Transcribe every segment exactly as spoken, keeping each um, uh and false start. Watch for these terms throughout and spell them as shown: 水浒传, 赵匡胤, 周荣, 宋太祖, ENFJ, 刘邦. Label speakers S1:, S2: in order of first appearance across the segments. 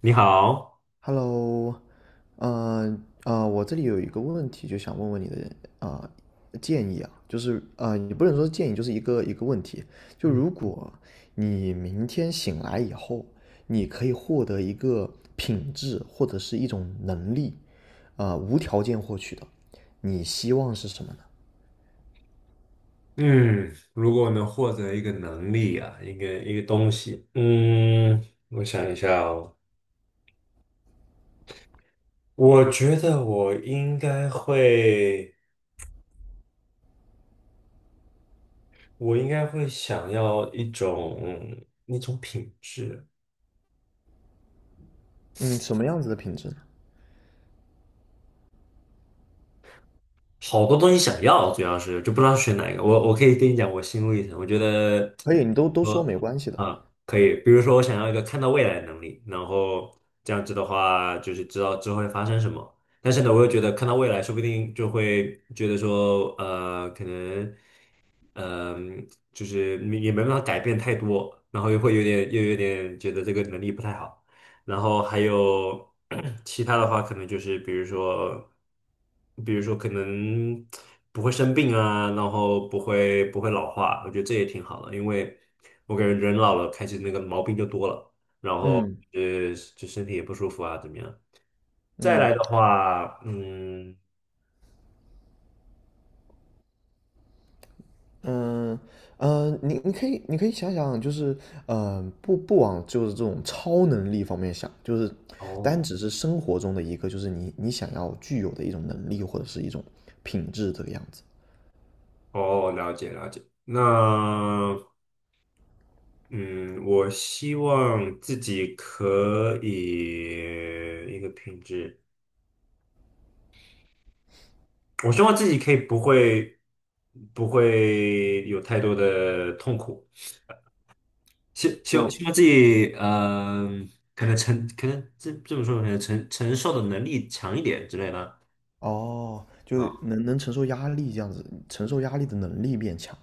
S1: 你好。
S2: Hello,呃呃，我这里有一个问题，就想问问你的啊、呃建议啊，就是啊、呃也不能说是建议，就是一个一个问题。就
S1: 嗯。
S2: 如果你明天醒来以后，你可以获得一个品质或者是一种能力，啊、呃无条件获取的，你希望是什么呢？
S1: 嗯如果能获得一个能力啊，一个一个东西，嗯，我想一下哦。我觉得我应该会，我应该会想要一种那种品质。
S2: 嗯，什么样子的品质呢？
S1: 好多东西想要，主要是就不知道选哪一个。我我可以跟你讲我心路历程，我觉得
S2: 可以，你都都说
S1: 我，
S2: 没关系的。
S1: 啊，可以。比如说我想要一个看到未来的能力，然后这样子的话就是知道之后会发生什么。但是呢，我又觉得看到未来，说不定就会觉得说，呃，可能。嗯，就是你也没办法改变太多，然后又会有点又有点觉得这个能力不太好。然后还有 其他的话，可能就是比如说，比如说可能不会生病啊，然后不会不会老化，我觉得这也挺好的，因为我感觉人老了开始那个毛病就多了。然后
S2: 嗯
S1: 呃就身体也不舒服啊，怎么样？再来
S2: 嗯
S1: 的话，嗯。
S2: 嗯呃，你你可以你可以想想，就是嗯，不不往就是这种超能力方面想，就是单
S1: 哦
S2: 只是生活中的一个，就是你你想要具有的一种能力或者是一种品质这个样子。
S1: 哦，了解了解。那，嗯，我希望自己可以一个品质，我希望自己可以不会不会有太多的痛苦，希希望
S2: 就
S1: 希望自己嗯、可能承可能这这么说可能承承受的能力强一点之类的。
S2: 哦，就
S1: 啊。
S2: 能能承受压力这样子，承受压力的能力变强。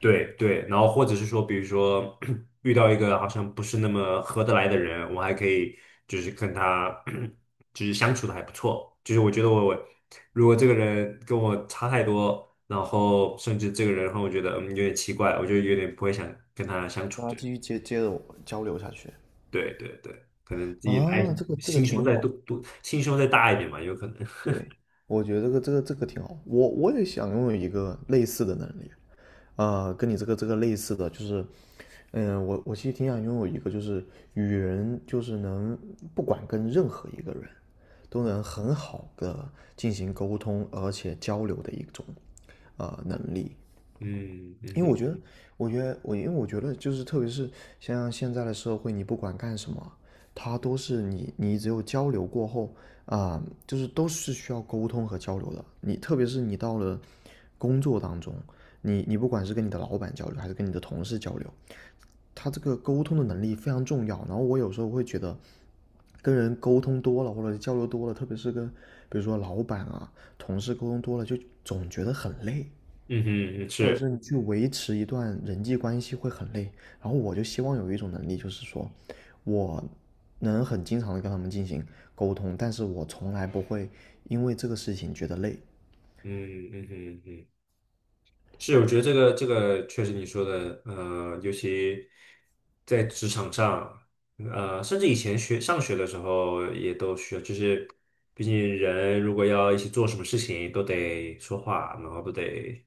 S1: 对对，然后或者是说，比如说 遇到一个好像不是那么合得来的人，我还可以就是跟他 就是相处的还不错。就是我觉得我我如果这个人跟我差太多，然后甚至这个人让我觉得嗯有点奇怪，我就有点不会想跟他相处。
S2: 那
S1: 对
S2: 继续接接着我交流下去。
S1: 对对对，可能自己爱，
S2: 啊，这个这个
S1: 心胸
S2: 挺
S1: 再
S2: 好，
S1: 多多心胸再大一点嘛，有可能。
S2: 对，我觉得这个这个这个挺好。我我也想拥有一个类似的能力，呃，跟你这个这个类似的，就是嗯，我我其实挺想拥有一个，就是与人就是能不管跟任何一个人都能很好的进行沟通，而且交流的一种呃能力。
S1: 嗯，嗯
S2: 因为我觉
S1: 哼，
S2: 得，我觉得我因为我觉得就是特别是像现在的社会，你不管干什么，它都是你你只有交流过后啊、呃就是都是需要沟通和交流的。你特别是你到了工作当中，你你不管是跟你的老板交流，还是跟你的同事交流，他这个沟通的能力非常重要。然后我有时候会觉得，跟人沟通多了或者交流多了，特别是跟比如说老板啊、同事沟通多了，就总觉得很累，
S1: 嗯哼，嗯，
S2: 或者是
S1: 是，
S2: 你去维持一段人际关系会很累。然后我就希望有一种能力，就是说我能很经常的跟他们进行沟通，但是我从来不会因为这个事情觉得累。
S1: 嗯，嗯哼，嗯哼。是，我觉得这个这个确实你说的，呃，尤其在职场上，呃，甚至以前学上学的时候也都需要，就是毕竟人如果要一起做什么事情，都得说话，然后都得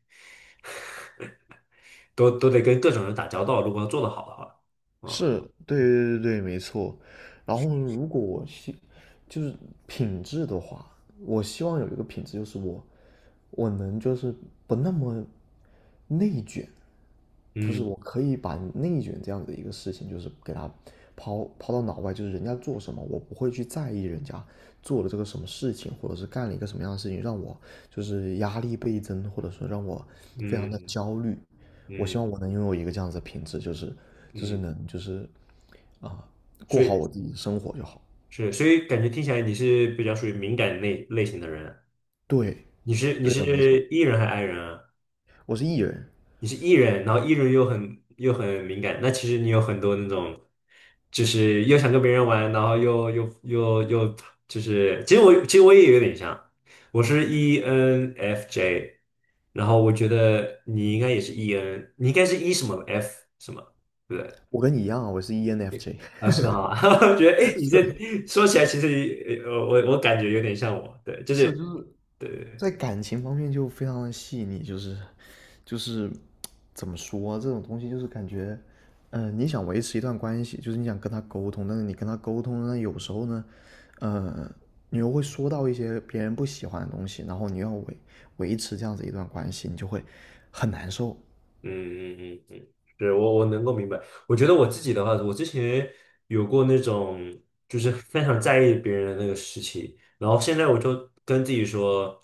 S1: 都都得跟各种人打交道，如果要做得好的话，啊。
S2: 是，对对对对，没错。然后如果我希就是品质的话，我希望有一个品质就是我我能就是不那么内卷，就是
S1: 嗯，
S2: 我可以把内卷这样的一个事情，就是给它抛抛到脑外，就是人家做什么，我不会去在意人家做了这个什么事情，或者是干了一个什么样的事情，让我就是压力倍增，或者说让我非常的
S1: 嗯，
S2: 焦虑。我希
S1: 嗯，
S2: 望我能拥有一个这样子的品质，就是就是
S1: 嗯，
S2: 能就是啊，
S1: 所
S2: 过好
S1: 以
S2: 我自己的生活就好。
S1: 是，所以感觉听起来你是比较属于敏感类类型的人啊。
S2: 对，
S1: 你是你
S2: 对的，没错，
S1: 是 E 人还是 I 人啊？
S2: 我是 E 人，
S1: 你是 E 人，然后 E 人又很又很敏感。那其实你有很多那种，就是又想跟别人玩，然后又又又又就是，其实我其实我也有点像，我是 E N F J。然后我觉得你应该也是 E N,你应该是 E 什么 F 什么，对不对？
S2: 我跟你一样啊，我是 E N F J。
S1: 啊，是哈。我觉得哎，诶你 这
S2: 对，
S1: 说起来其实呃我我感觉有点像我，对，就
S2: 是就
S1: 是。
S2: 是
S1: 对。对对。
S2: 在感情方面就非常的细腻，就是就是怎么说啊这种东西，就是感觉，嗯、你想维持一段关系，就是你想跟他沟通，但是你跟他沟通呢，有时候呢，呃，你又会说到一些别人不喜欢的东西，然后你要维维持这样子一段关系，你就会很难受。
S1: 嗯，嗯，嗯，嗯，对，我我能够明白。我觉得我自己的话，我之前有过那种就是非常在意别人的那个时期，然后现在我就跟自己说，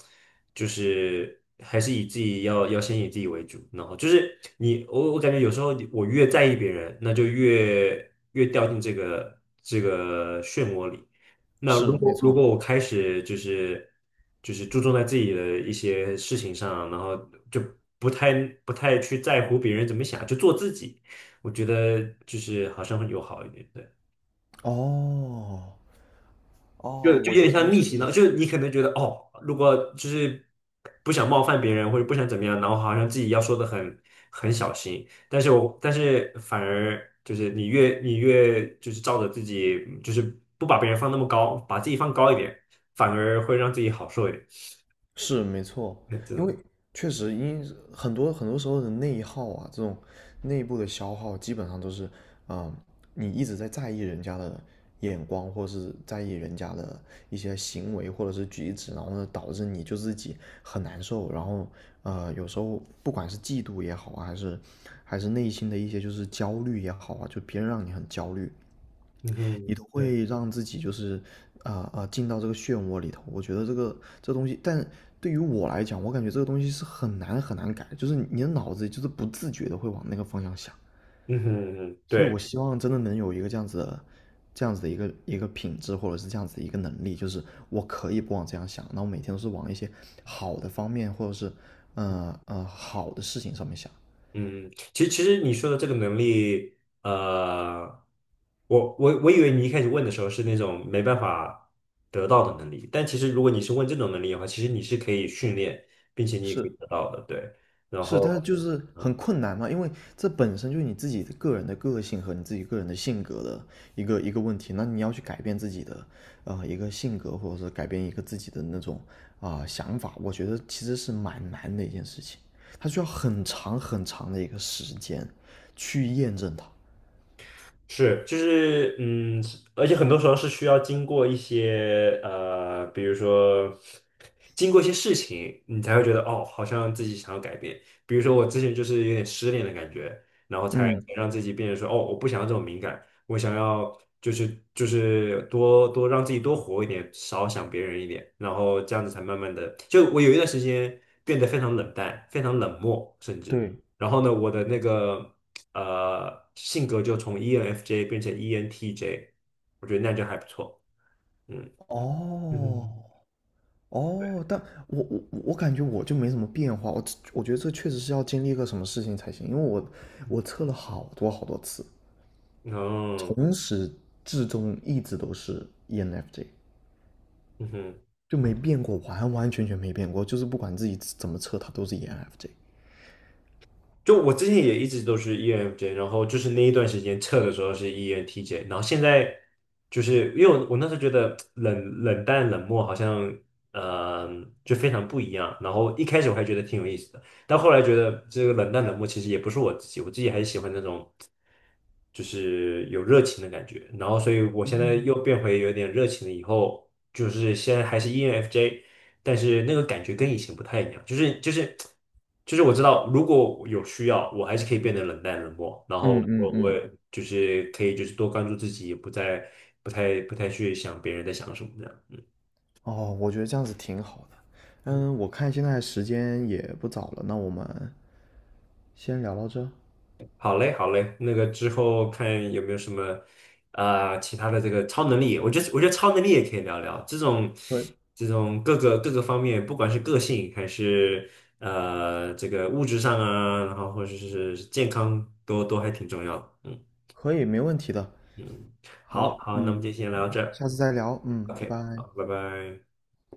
S1: 就是还是以自己要要先以自己为主。然后就是你，我我感觉有时候我越在意别人，那就越越掉进这个这个漩涡里。那如
S2: 是，没
S1: 果如
S2: 错。
S1: 果我开始就是就是注重在自己的一些事情上，然后就不太不太去在乎别人怎么想，就做自己，我觉得就是好像会有好一点。对。
S2: 哦，哦，
S1: 就就
S2: 我
S1: 有点
S2: 觉得
S1: 像
S2: 是
S1: 逆袭
S2: 的。
S1: 呢，就是你可能觉得哦，如果就是不想冒犯别人或者不想怎么样，然后好像自己要说的很很小心，但是我，但是反而就是你越你越就是照着自己，就是不把别人放那么高，把自己放高一点，反而会让自己好受一点。
S2: 是没错，
S1: 这
S2: 因为
S1: 种。
S2: 确实因很多很多时候的内耗啊，这种内部的消耗，基本上都是，嗯，你一直在在意人家的眼光，或是在意人家的一些行为或者是举止，然后呢，导致你就自己很难受，然后呃，有时候不管是嫉妒也好啊，还是还是内心的一些就是焦虑也好啊，就别人让你很焦虑，
S1: 嗯哼，
S2: 你都
S1: 对，
S2: 会让自己就是啊啊、进到这个漩涡里头。我觉得这个这东西，但对于我来讲，我感觉这个东西是很难很难改，就是你的脑子就是不自觉的会往那个方向想。
S1: 嗯哼，嗯哼，
S2: 所以
S1: 对。
S2: 我希望真的能有一个这样子的。这样子的一个一个品质，或者是这样子的一个能力，就是我可以不往这样想，那我每天都是往一些好的方面，或者是呃呃好的事情上面想。
S1: 嗯，其实其实你说的这个能力，呃，我我我以为你一开始问的时候是那种没办法得到的能力，但其实如果你是问这种能力的话，其实你是可以训练，并且你也可以
S2: 是
S1: 得到的，对。然
S2: 是，但是
S1: 后，
S2: 就是很
S1: 嗯。
S2: 困难嘛，因为这本身就是你自己的个人的个性和你自己个人的性格的一个一个问题。那你要去改变自己的呃一个性格，或者是改变一个自己的那种啊、呃想法，我觉得其实是蛮难的一件事情，它需要很长很长的一个时间去验证它。
S1: 是，就是，嗯，而且很多时候是需要经过一些呃，比如说经过一些事情，你才会觉得哦，好像自己想要改变。比如说我之前就是有点失恋的感觉，然后才
S2: 嗯，
S1: 才让自己变成说哦，我不想要这种敏感，我想要就是就是多多让自己多活一点，少想别人一点，然后这样子才慢慢的，就我有一段时间变得非常冷淡，非常冷漠，甚至。
S2: 对，
S1: 然后呢，我的那个呃性格就从 E N F J 变成 E N T J,我觉得那就还不错。嗯，
S2: 哦
S1: 嗯，
S2: 哦，但我我我感觉我就没什么变化，我我觉得这确实是要经历一个什么事情才行，因为我我测了好多好多次，
S1: 哦，
S2: 从始至终一直都是 E N F J,
S1: 嗯哼。
S2: 就没变过，完完全全没变过，就是不管自己怎么测，它都是 E N F J。
S1: 就我之前也一直都是 E N F J,然后就是那一段时间测的时候是 E N T J,然后现在就是因为我我那时候觉得冷冷淡冷漠好像呃就非常不一样，然后一开始我还觉得挺有意思的，但后来觉得这个冷淡冷漠其实也不是我自己，我自己还是喜欢那种就是有热情的感觉，然后所以我现在又变回有点热情了，以后就是现在还是 E N F J,但是那个感觉跟以前不太一样，就是就是就是我知道，如果有需要，我还是可以变得冷淡冷漠，然后
S2: 嗯嗯
S1: 我我
S2: 嗯，
S1: 也就是可以就是多关注自己，也不再不太不太去想别人在想什么这样。嗯，
S2: 哦，我觉得这样子挺好的。嗯，
S1: 嗯。
S2: 我看现在时间也不早了，那我们先聊到这，
S1: 好嘞，好嘞，那个之后看有没有什么啊、其他的这个超能力，我觉得我觉得超能力也可以聊聊，这种
S2: 可
S1: 这种各个各个方面，不管是个性还是呃这个物质上啊，然后或者是健康都都还挺重要的。嗯，
S2: 可以，没问题的。
S1: 嗯。好
S2: 好，
S1: 好，那我们
S2: 嗯，
S1: 就先聊到这
S2: 下
S1: 儿
S2: 次再聊，嗯，拜
S1: ，OK,
S2: 拜。
S1: 好，拜拜。